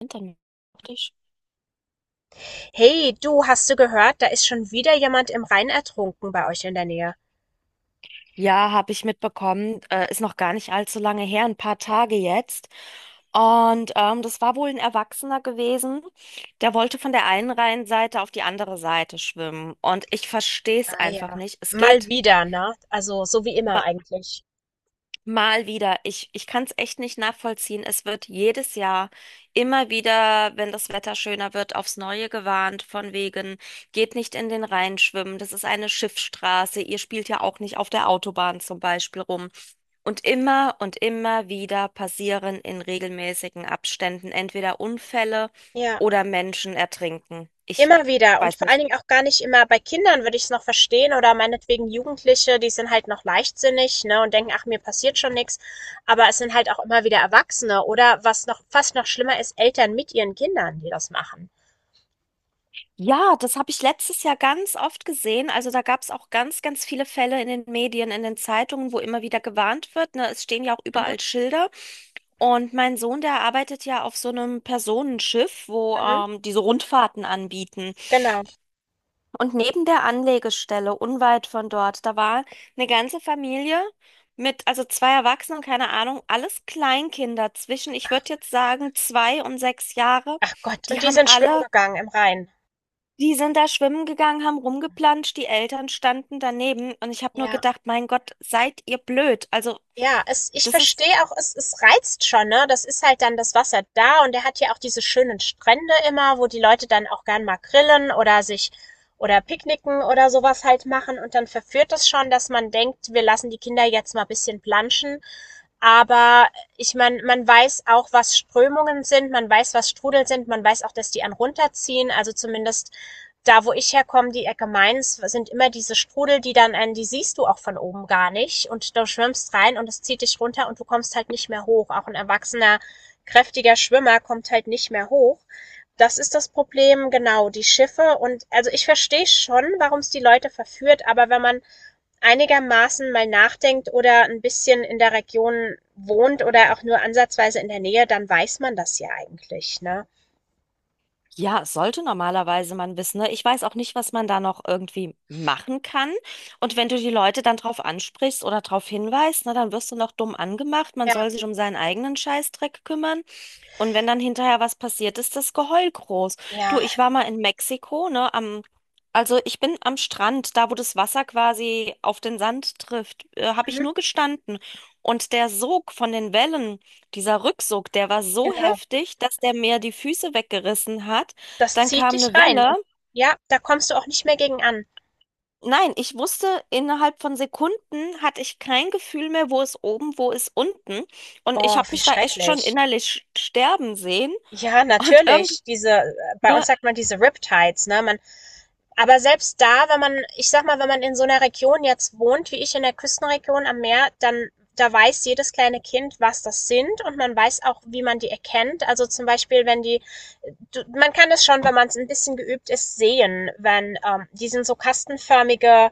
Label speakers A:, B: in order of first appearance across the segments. A: Internet auf dich.
B: Hey, du, hast du gehört? Da ist schon wieder jemand im Rhein ertrunken bei euch in der Nähe.
A: Ja, habe ich mitbekommen. Ist noch gar nicht allzu lange her, ein paar Tage jetzt. Und das war wohl ein Erwachsener gewesen, der wollte von der einen Rheinseite auf die andere Seite schwimmen. Und ich verstehe es
B: Ah
A: einfach
B: ja.
A: nicht. Es
B: Mal
A: geht,
B: wieder, ne? Also so wie immer eigentlich.
A: mal wieder. Ich kann es echt nicht nachvollziehen. Es wird jedes Jahr immer wieder, wenn das Wetter schöner wird, aufs Neue gewarnt, von wegen, geht nicht in den Rhein schwimmen. Das ist eine Schiffsstraße. Ihr spielt ja auch nicht auf der Autobahn zum Beispiel rum. Und immer wieder passieren in regelmäßigen Abständen entweder Unfälle
B: Ja,
A: oder Menschen ertrinken. Ich
B: immer wieder. Und
A: weiß
B: vor allen
A: nicht.
B: Dingen auch gar nicht immer, bei Kindern würde ich es noch verstehen oder meinetwegen Jugendliche, die sind halt noch leichtsinnig, ne, und denken, ach, mir passiert schon nichts. Aber es sind halt auch immer wieder Erwachsene oder was noch fast noch schlimmer ist, Eltern mit ihren Kindern, die das machen.
A: Ja, das habe ich letztes Jahr ganz oft gesehen. Also da gab es auch ganz, ganz viele Fälle in den Medien, in den Zeitungen, wo immer wieder gewarnt wird. Ne? Es stehen ja auch
B: Mhm,
A: überall Schilder. Und mein Sohn, der arbeitet ja auf so einem Personenschiff, wo
B: mhm,
A: diese Rundfahrten anbieten.
B: genau.
A: Und neben der Anlegestelle, unweit von dort, da war eine ganze Familie mit, also zwei Erwachsenen, keine Ahnung, alles Kleinkinder zwischen, ich würde jetzt sagen, 2 und 6 Jahre.
B: Ach Gott,
A: Die
B: und die
A: haben
B: sind schwimmen
A: alle
B: gegangen im Rhein.
A: Die sind da schwimmen gegangen, haben rumgeplanscht, die Eltern standen daneben und ich habe nur
B: Ja.
A: gedacht, mein Gott, seid ihr blöd. Also,
B: Ja, es ich
A: das ist,
B: verstehe auch, es reizt schon, ne? Das ist halt dann das Wasser da, und er hat ja auch diese schönen Strände immer, wo die Leute dann auch gern mal grillen oder sich oder picknicken oder sowas halt machen, und dann verführt das schon, dass man denkt, wir lassen die Kinder jetzt mal ein bisschen planschen. Aber ich meine, man weiß auch, was Strömungen sind, man weiß, was Strudel sind, man weiß auch, dass die einen runterziehen. Also zumindest da, wo ich herkomme, die Ecke Mainz, sind immer diese Strudel, die dann einen, die siehst du auch von oben gar nicht. Und du schwimmst rein und es zieht dich runter und du kommst halt nicht mehr hoch. Auch ein erwachsener, kräftiger Schwimmer kommt halt nicht mehr hoch. Das ist das Problem, genau, die Schiffe. Und also ich verstehe schon, warum es die Leute verführt, aber wenn man einigermaßen mal nachdenkt oder ein bisschen in der Region wohnt oder auch nur ansatzweise in der Nähe, dann weiß man das ja eigentlich, ne?
A: ja, sollte normalerweise man wissen, ne? Ich weiß auch nicht, was man da noch irgendwie machen kann. Und wenn du die Leute dann drauf ansprichst oder drauf hinweist, ne, dann wirst du noch dumm angemacht. Man
B: Ja,
A: soll sich um seinen eigenen Scheißdreck kümmern. Und wenn dann hinterher was passiert, ist das Geheul groß. Du,
B: ja,
A: ich war mal in Mexiko, ne, also ich bin am Strand, da wo das Wasser quasi auf den Sand trifft, habe ich
B: mhm,
A: nur gestanden. Und der Sog von den Wellen, dieser Rücksog, der war so
B: genau.
A: heftig, dass der mir die Füße weggerissen hat.
B: Das
A: Dann
B: zieht
A: kam
B: dich
A: eine
B: rein und
A: Welle.
B: ja, da kommst du auch nicht mehr gegen an.
A: Nein, ich wusste, innerhalb von Sekunden hatte ich kein Gefühl mehr, wo ist oben, wo ist unten. Und ich
B: Oh,
A: habe
B: wie
A: mich da echt schon
B: schrecklich.
A: innerlich sterben sehen.
B: Ja,
A: Und irgendwie.
B: natürlich. Diese bei uns
A: Ne?
B: sagt man diese Riptides, ne? Man aber selbst da, wenn man, ich sag mal, wenn man in so einer Region jetzt wohnt, wie ich in der Küstenregion am Meer, dann da weiß jedes kleine Kind, was das sind, und man weiß auch, wie man die erkennt. Also, zum Beispiel, wenn die du man kann das schon, wenn man es ein bisschen geübt ist, sehen, wenn, die sind so kastenförmige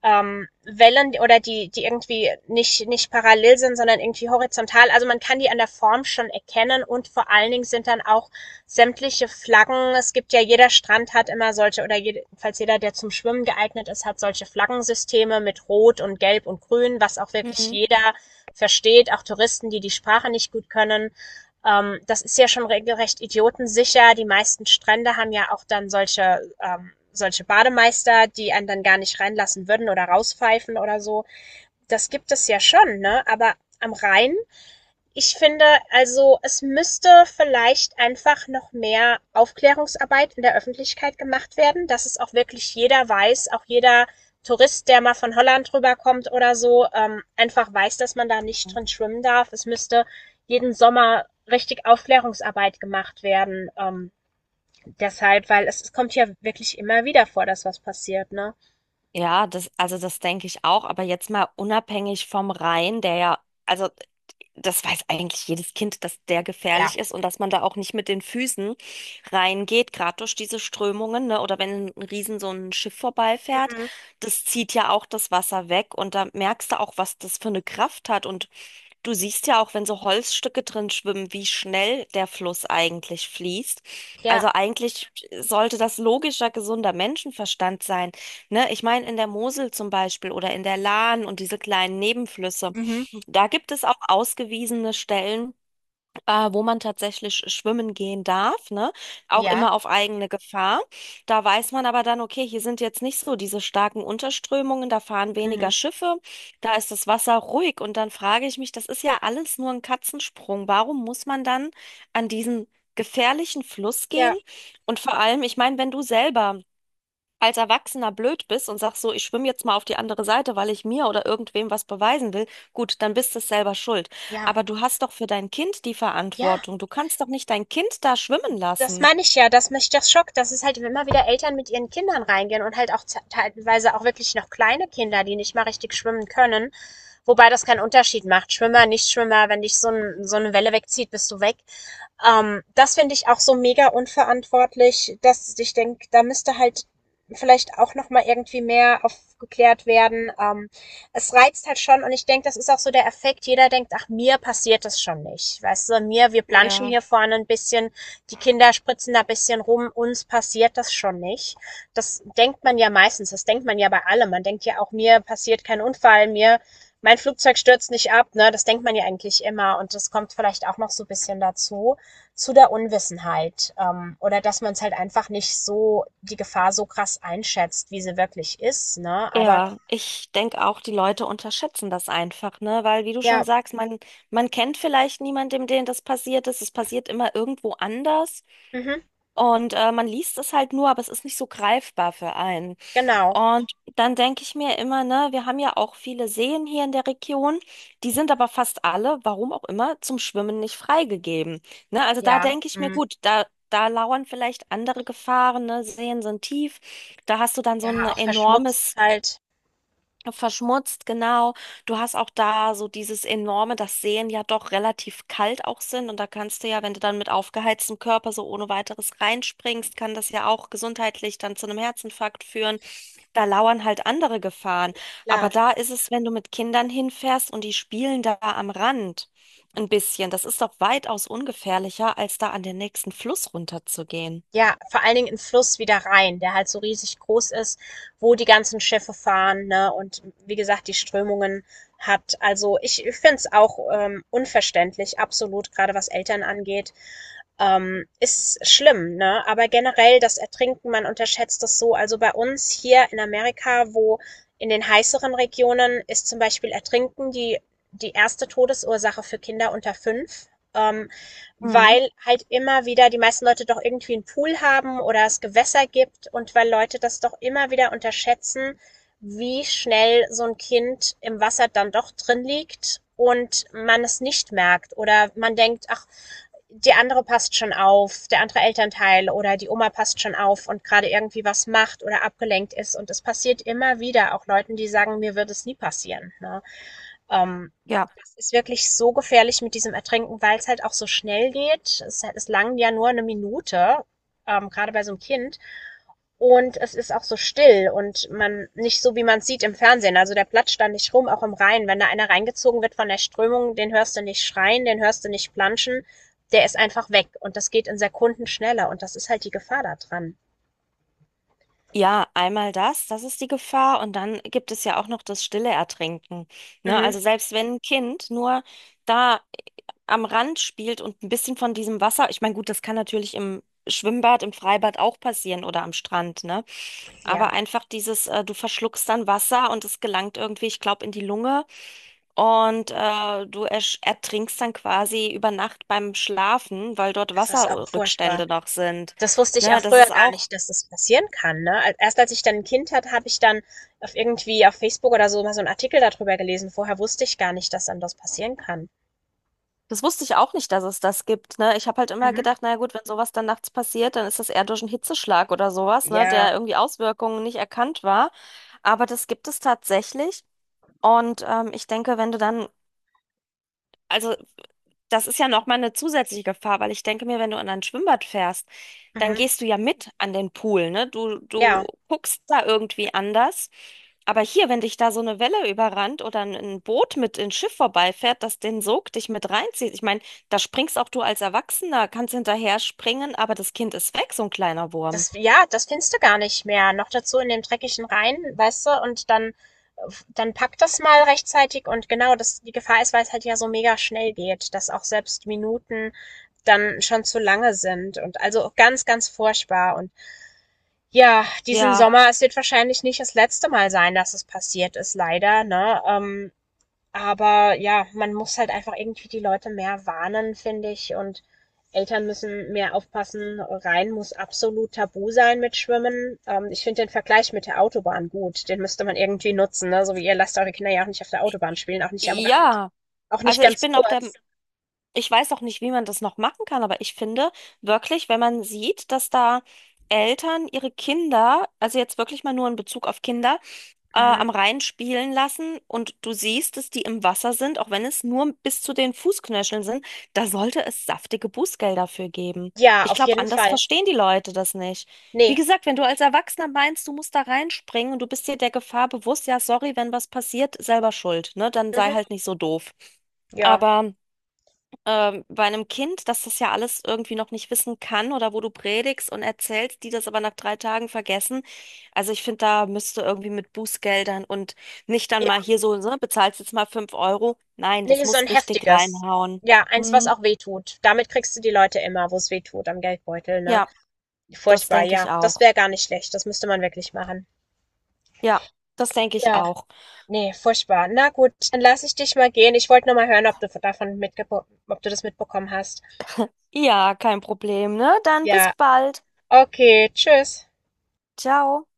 B: Wellen oder die, die irgendwie nicht parallel sind, sondern irgendwie horizontal. Also man kann die an der Form schon erkennen, und vor allen Dingen sind dann auch sämtliche Flaggen. Es gibt ja, jeder Strand hat immer solche, oder jedenfalls jeder, der zum Schwimmen geeignet ist, hat solche Flaggensysteme mit Rot und Gelb und Grün, was auch wirklich
A: Mhm.
B: jeder versteht, auch Touristen, die die Sprache nicht gut können. Das ist ja schon regelrecht idiotensicher. Die meisten Strände haben ja auch dann solche, solche Bademeister, die einen dann gar nicht reinlassen würden oder rauspfeifen oder so. Das gibt es ja schon, ne? Aber am Rhein, ich finde, also es müsste vielleicht einfach noch mehr Aufklärungsarbeit in der Öffentlichkeit gemacht werden, dass es auch wirklich jeder weiß, auch jeder Tourist, der mal von Holland rüberkommt oder so, einfach weiß, dass man da nicht drin schwimmen darf. Es müsste jeden Sommer richtig Aufklärungsarbeit gemacht werden. Deshalb, weil es kommt ja wirklich immer wieder vor, dass was passiert, ne?
A: Ja, das, also das denke ich auch, aber jetzt mal unabhängig vom Rhein, der ja, also das weiß eigentlich jedes Kind, dass der
B: Ja.
A: gefährlich ist und dass man da auch nicht mit den Füßen reingeht, gerade durch diese Strömungen, ne? Oder wenn ein Riesen so ein Schiff vorbeifährt,
B: Mhm.
A: das zieht ja auch das Wasser weg und da merkst du auch, was das für eine Kraft hat. Und du siehst ja auch, wenn so Holzstücke drin schwimmen, wie schnell der Fluss eigentlich fließt.
B: Ja.
A: Also eigentlich sollte das logischer, gesunder Menschenverstand sein, ne? Ich meine, in der Mosel zum Beispiel oder in der Lahn und diese kleinen Nebenflüsse,
B: Mhm.
A: da gibt es auch ausgewiesene Stellen, wo man tatsächlich schwimmen gehen darf, ne? Auch
B: Ja.
A: immer auf eigene Gefahr. Da weiß man aber dann, okay, hier sind jetzt nicht so diese starken Unterströmungen, da fahren weniger
B: Mhm.
A: Schiffe, da ist das Wasser ruhig. Und dann frage ich mich, das ist ja alles nur ein Katzensprung. Warum muss man dann an diesen gefährlichen Fluss
B: Ja.
A: gehen? Und vor allem, ich meine, wenn du selber als Erwachsener blöd bist und sagst so, ich schwimme jetzt mal auf die andere Seite, weil ich mir oder irgendwem was beweisen will, gut, dann bist du selber schuld.
B: Ja.
A: Aber du hast doch für dein Kind die
B: Ja.
A: Verantwortung. Du kannst doch nicht dein Kind da schwimmen
B: Das
A: lassen.
B: meine ich ja, dass mich das schockt, dass es halt immer wieder Eltern mit ihren Kindern reingehen und halt auch teilweise auch wirklich noch kleine Kinder, die nicht mal richtig schwimmen können, wobei das keinen Unterschied macht. Schwimmer, Nichtschwimmer, wenn dich so eine Welle wegzieht, bist du weg. Das finde ich auch so mega unverantwortlich, dass ich denke, da müsste halt vielleicht auch noch mal irgendwie mehr aufgeklärt werden. Es reizt halt schon, und ich denke, das ist auch so der Effekt. Jeder denkt, ach, mir passiert das schon nicht, weißt du, mir wir planschen
A: Ja,
B: hier vorne ein bisschen, die Kinder spritzen da ein bisschen rum, uns passiert das schon nicht. Das denkt man ja meistens, das denkt man ja bei allem. Man denkt ja auch, mir passiert kein Unfall, mir mein Flugzeug stürzt nicht ab, ne? Das denkt man ja eigentlich immer, und das kommt vielleicht auch noch so ein bisschen dazu zu der Unwissenheit, oder dass man es halt einfach nicht so, die Gefahr so krass einschätzt, wie sie wirklich ist, ne? Aber
A: ja, ich denke auch, die Leute unterschätzen das einfach, ne? Weil, wie du schon
B: ja,
A: sagst, man kennt vielleicht niemandem, dem das passiert ist. Es passiert immer irgendwo anders.
B: mhm,
A: Und man liest es halt nur, aber es ist nicht so greifbar für einen.
B: genau.
A: Und dann denke ich mir immer, ne, wir haben ja auch viele Seen hier in der Region, die sind aber fast alle, warum auch immer, zum Schwimmen nicht freigegeben. Ne, also da
B: Ja,
A: denke ich mir,
B: mhm.
A: gut, da, da lauern vielleicht andere Gefahren, ne, Seen sind tief, da hast du dann so ein
B: Ja, auch verschmutzt
A: enormes.
B: halt,
A: Verschmutzt, genau. Du hast auch da so dieses enorme, dass Seen ja doch relativ kalt auch sind. Und da kannst du ja, wenn du dann mit aufgeheiztem Körper so ohne weiteres reinspringst, kann das ja auch gesundheitlich dann zu einem Herzinfarkt führen. Da lauern halt andere Gefahren. Aber
B: klar.
A: da ist es, wenn du mit Kindern hinfährst und die spielen da am Rand ein bisschen. Das ist doch weitaus ungefährlicher, als da an den nächsten Fluss runterzugehen.
B: Ja, vor allen Dingen in Fluss wie der Rhein, der halt so riesig groß ist, wo die ganzen Schiffe fahren, ne? Und wie gesagt, die Strömungen hat. Also ich finde es auch unverständlich, absolut, gerade was Eltern angeht. Ist schlimm, ne? Aber generell das Ertrinken, man unterschätzt das so. Also bei uns hier in Amerika, wo in den heißeren Regionen, ist zum Beispiel Ertrinken die, die erste Todesursache für Kinder unter fünf. Ähm,
A: Mhm.
B: Weil halt immer wieder die meisten Leute doch irgendwie einen Pool haben oder es Gewässer gibt und weil Leute das doch immer wieder unterschätzen, wie schnell so ein Kind im Wasser dann doch drin liegt und man es nicht merkt oder man denkt, ach, die andere passt schon auf, der andere Elternteil oder die Oma passt schon auf und gerade irgendwie was macht oder abgelenkt ist. Und es passiert immer wieder, auch Leuten, die sagen, mir wird es nie passieren. Ne? Ähm,
A: Ja.
B: Das ist wirklich so gefährlich mit diesem Ertrinken, weil es halt auch so schnell geht. Es langt ja nur eine Minute, gerade bei so einem Kind. Und es ist auch so still, und man nicht so, wie man es sieht im Fernsehen. Also der platscht da nicht rum, auch im Rhein. Wenn da einer reingezogen wird von der Strömung, den hörst du nicht schreien, den hörst du nicht planschen. Der ist einfach weg, und das geht in Sekunden schneller, und das ist halt die Gefahr da dran.
A: Ja, einmal das, das ist die Gefahr. Und dann gibt es ja auch noch das stille Ertrinken. Ne?
B: Mhm.
A: Also selbst wenn ein Kind nur da am Rand spielt und ein bisschen von diesem Wasser, ich meine, gut, das kann natürlich im Schwimmbad, im Freibad auch passieren oder am Strand, ne?
B: Ja,
A: Aber einfach dieses, du verschluckst dann Wasser und es gelangt irgendwie, ich glaube, in die Lunge und du ertrinkst dann quasi über Nacht beim Schlafen, weil dort
B: das ist auch furchtbar.
A: Wasserrückstände noch sind.
B: Das wusste ich
A: Ne?
B: auch früher gar nicht, dass das passieren kann. Ne? Erst als ich dann ein Kind hatte, habe ich dann auf irgendwie auf Facebook oder so mal so einen Artikel darüber gelesen. Vorher wusste ich gar nicht, dass dann das passieren kann.
A: Das wusste ich auch nicht, dass es das gibt, ne? Ich habe halt immer
B: Mhm.
A: gedacht, na ja gut, wenn sowas dann nachts passiert, dann ist das eher durch einen Hitzeschlag oder sowas, ne,
B: Ja,
A: der irgendwie Auswirkungen nicht erkannt war. Aber das gibt es tatsächlich. Und ich denke, wenn du dann, also das ist ja nochmal eine zusätzliche Gefahr, weil ich denke mir, wenn du in ein Schwimmbad fährst, dann
B: mhm.
A: gehst du ja mit an den Pool, ne? Du,
B: Ja.
A: du guckst da irgendwie anders. Aber hier, wenn dich da so eine Welle überrannt oder ein Boot mit ins Schiff vorbeifährt, das den Sog dich mit reinzieht. Ich meine, da springst auch du als Erwachsener, kannst hinterher springen, aber das Kind ist weg, so ein kleiner Wurm.
B: Das ja, das findest du gar nicht mehr. Noch dazu in dem dreckigen Rhein, weißt du, und dann dann pack das mal rechtzeitig, und genau, das die Gefahr ist, weil's halt ja so mega schnell geht, dass auch selbst Minuten dann schon zu lange sind, und also ganz, ganz furchtbar und ja, diesen
A: Ja,
B: Sommer, es wird wahrscheinlich nicht das letzte Mal sein, dass es passiert ist, leider, ne? Aber ja, man muss halt einfach irgendwie die Leute mehr warnen, finde ich. Und Eltern müssen mehr aufpassen. Rhein muss absolut tabu sein mit Schwimmen. Ich finde den Vergleich mit der Autobahn gut. Den müsste man irgendwie nutzen. Ne? So wie, ihr lasst eure Kinder ja auch nicht auf der Autobahn spielen, auch nicht am Rand,
A: ja.
B: auch nicht
A: Also ich
B: ganz
A: bin auch der,
B: kurz.
A: ich weiß auch nicht, wie man das noch machen kann, aber ich finde wirklich, wenn man sieht, dass da Eltern ihre Kinder, also jetzt wirklich mal nur in Bezug auf Kinder,
B: Mhm.
A: am Rhein spielen lassen und du siehst, dass die im Wasser sind, auch wenn es nur bis zu den Fußknöcheln sind, da sollte es saftige Bußgelder für geben.
B: Ja,
A: Ich
B: auf
A: glaube,
B: jeden
A: anders
B: Fall.
A: verstehen die Leute das nicht. Wie
B: Nee.
A: gesagt, wenn du als Erwachsener meinst, du musst da reinspringen und du bist dir der Gefahr bewusst, ja, sorry, wenn was passiert, selber schuld, ne? Dann sei
B: Mhm.
A: halt nicht so doof.
B: Ja.
A: Aber bei einem Kind, das das ja alles irgendwie noch nicht wissen kann oder wo du predigst und erzählst, die das aber nach 3 Tagen vergessen. Also ich finde, da müsste irgendwie mit Bußgeldern und nicht dann
B: Ja.
A: mal hier so, ne, bezahlst jetzt mal fünf Euro. Nein,
B: Nee,
A: das
B: so ein
A: muss richtig
B: heftiges.
A: reinhauen.
B: Ja, eins, was
A: Hm,
B: auch weh tut. Damit kriegst du die Leute immer, wo es weh tut, am Geldbeutel, ne?
A: ja, das
B: Furchtbar,
A: denke ich
B: ja. Das
A: auch.
B: wäre gar nicht schlecht. Das müsste man wirklich machen.
A: Ja, das denke ich
B: Ja,
A: auch.
B: ne, furchtbar. Na gut, dann lasse ich dich mal gehen. Ich wollte nur mal hören, ob du davon mitgebo ob du das mitbekommen hast.
A: Ja, kein Problem, ne? Dann
B: Ja,
A: bis bald.
B: okay, tschüss.
A: Ciao.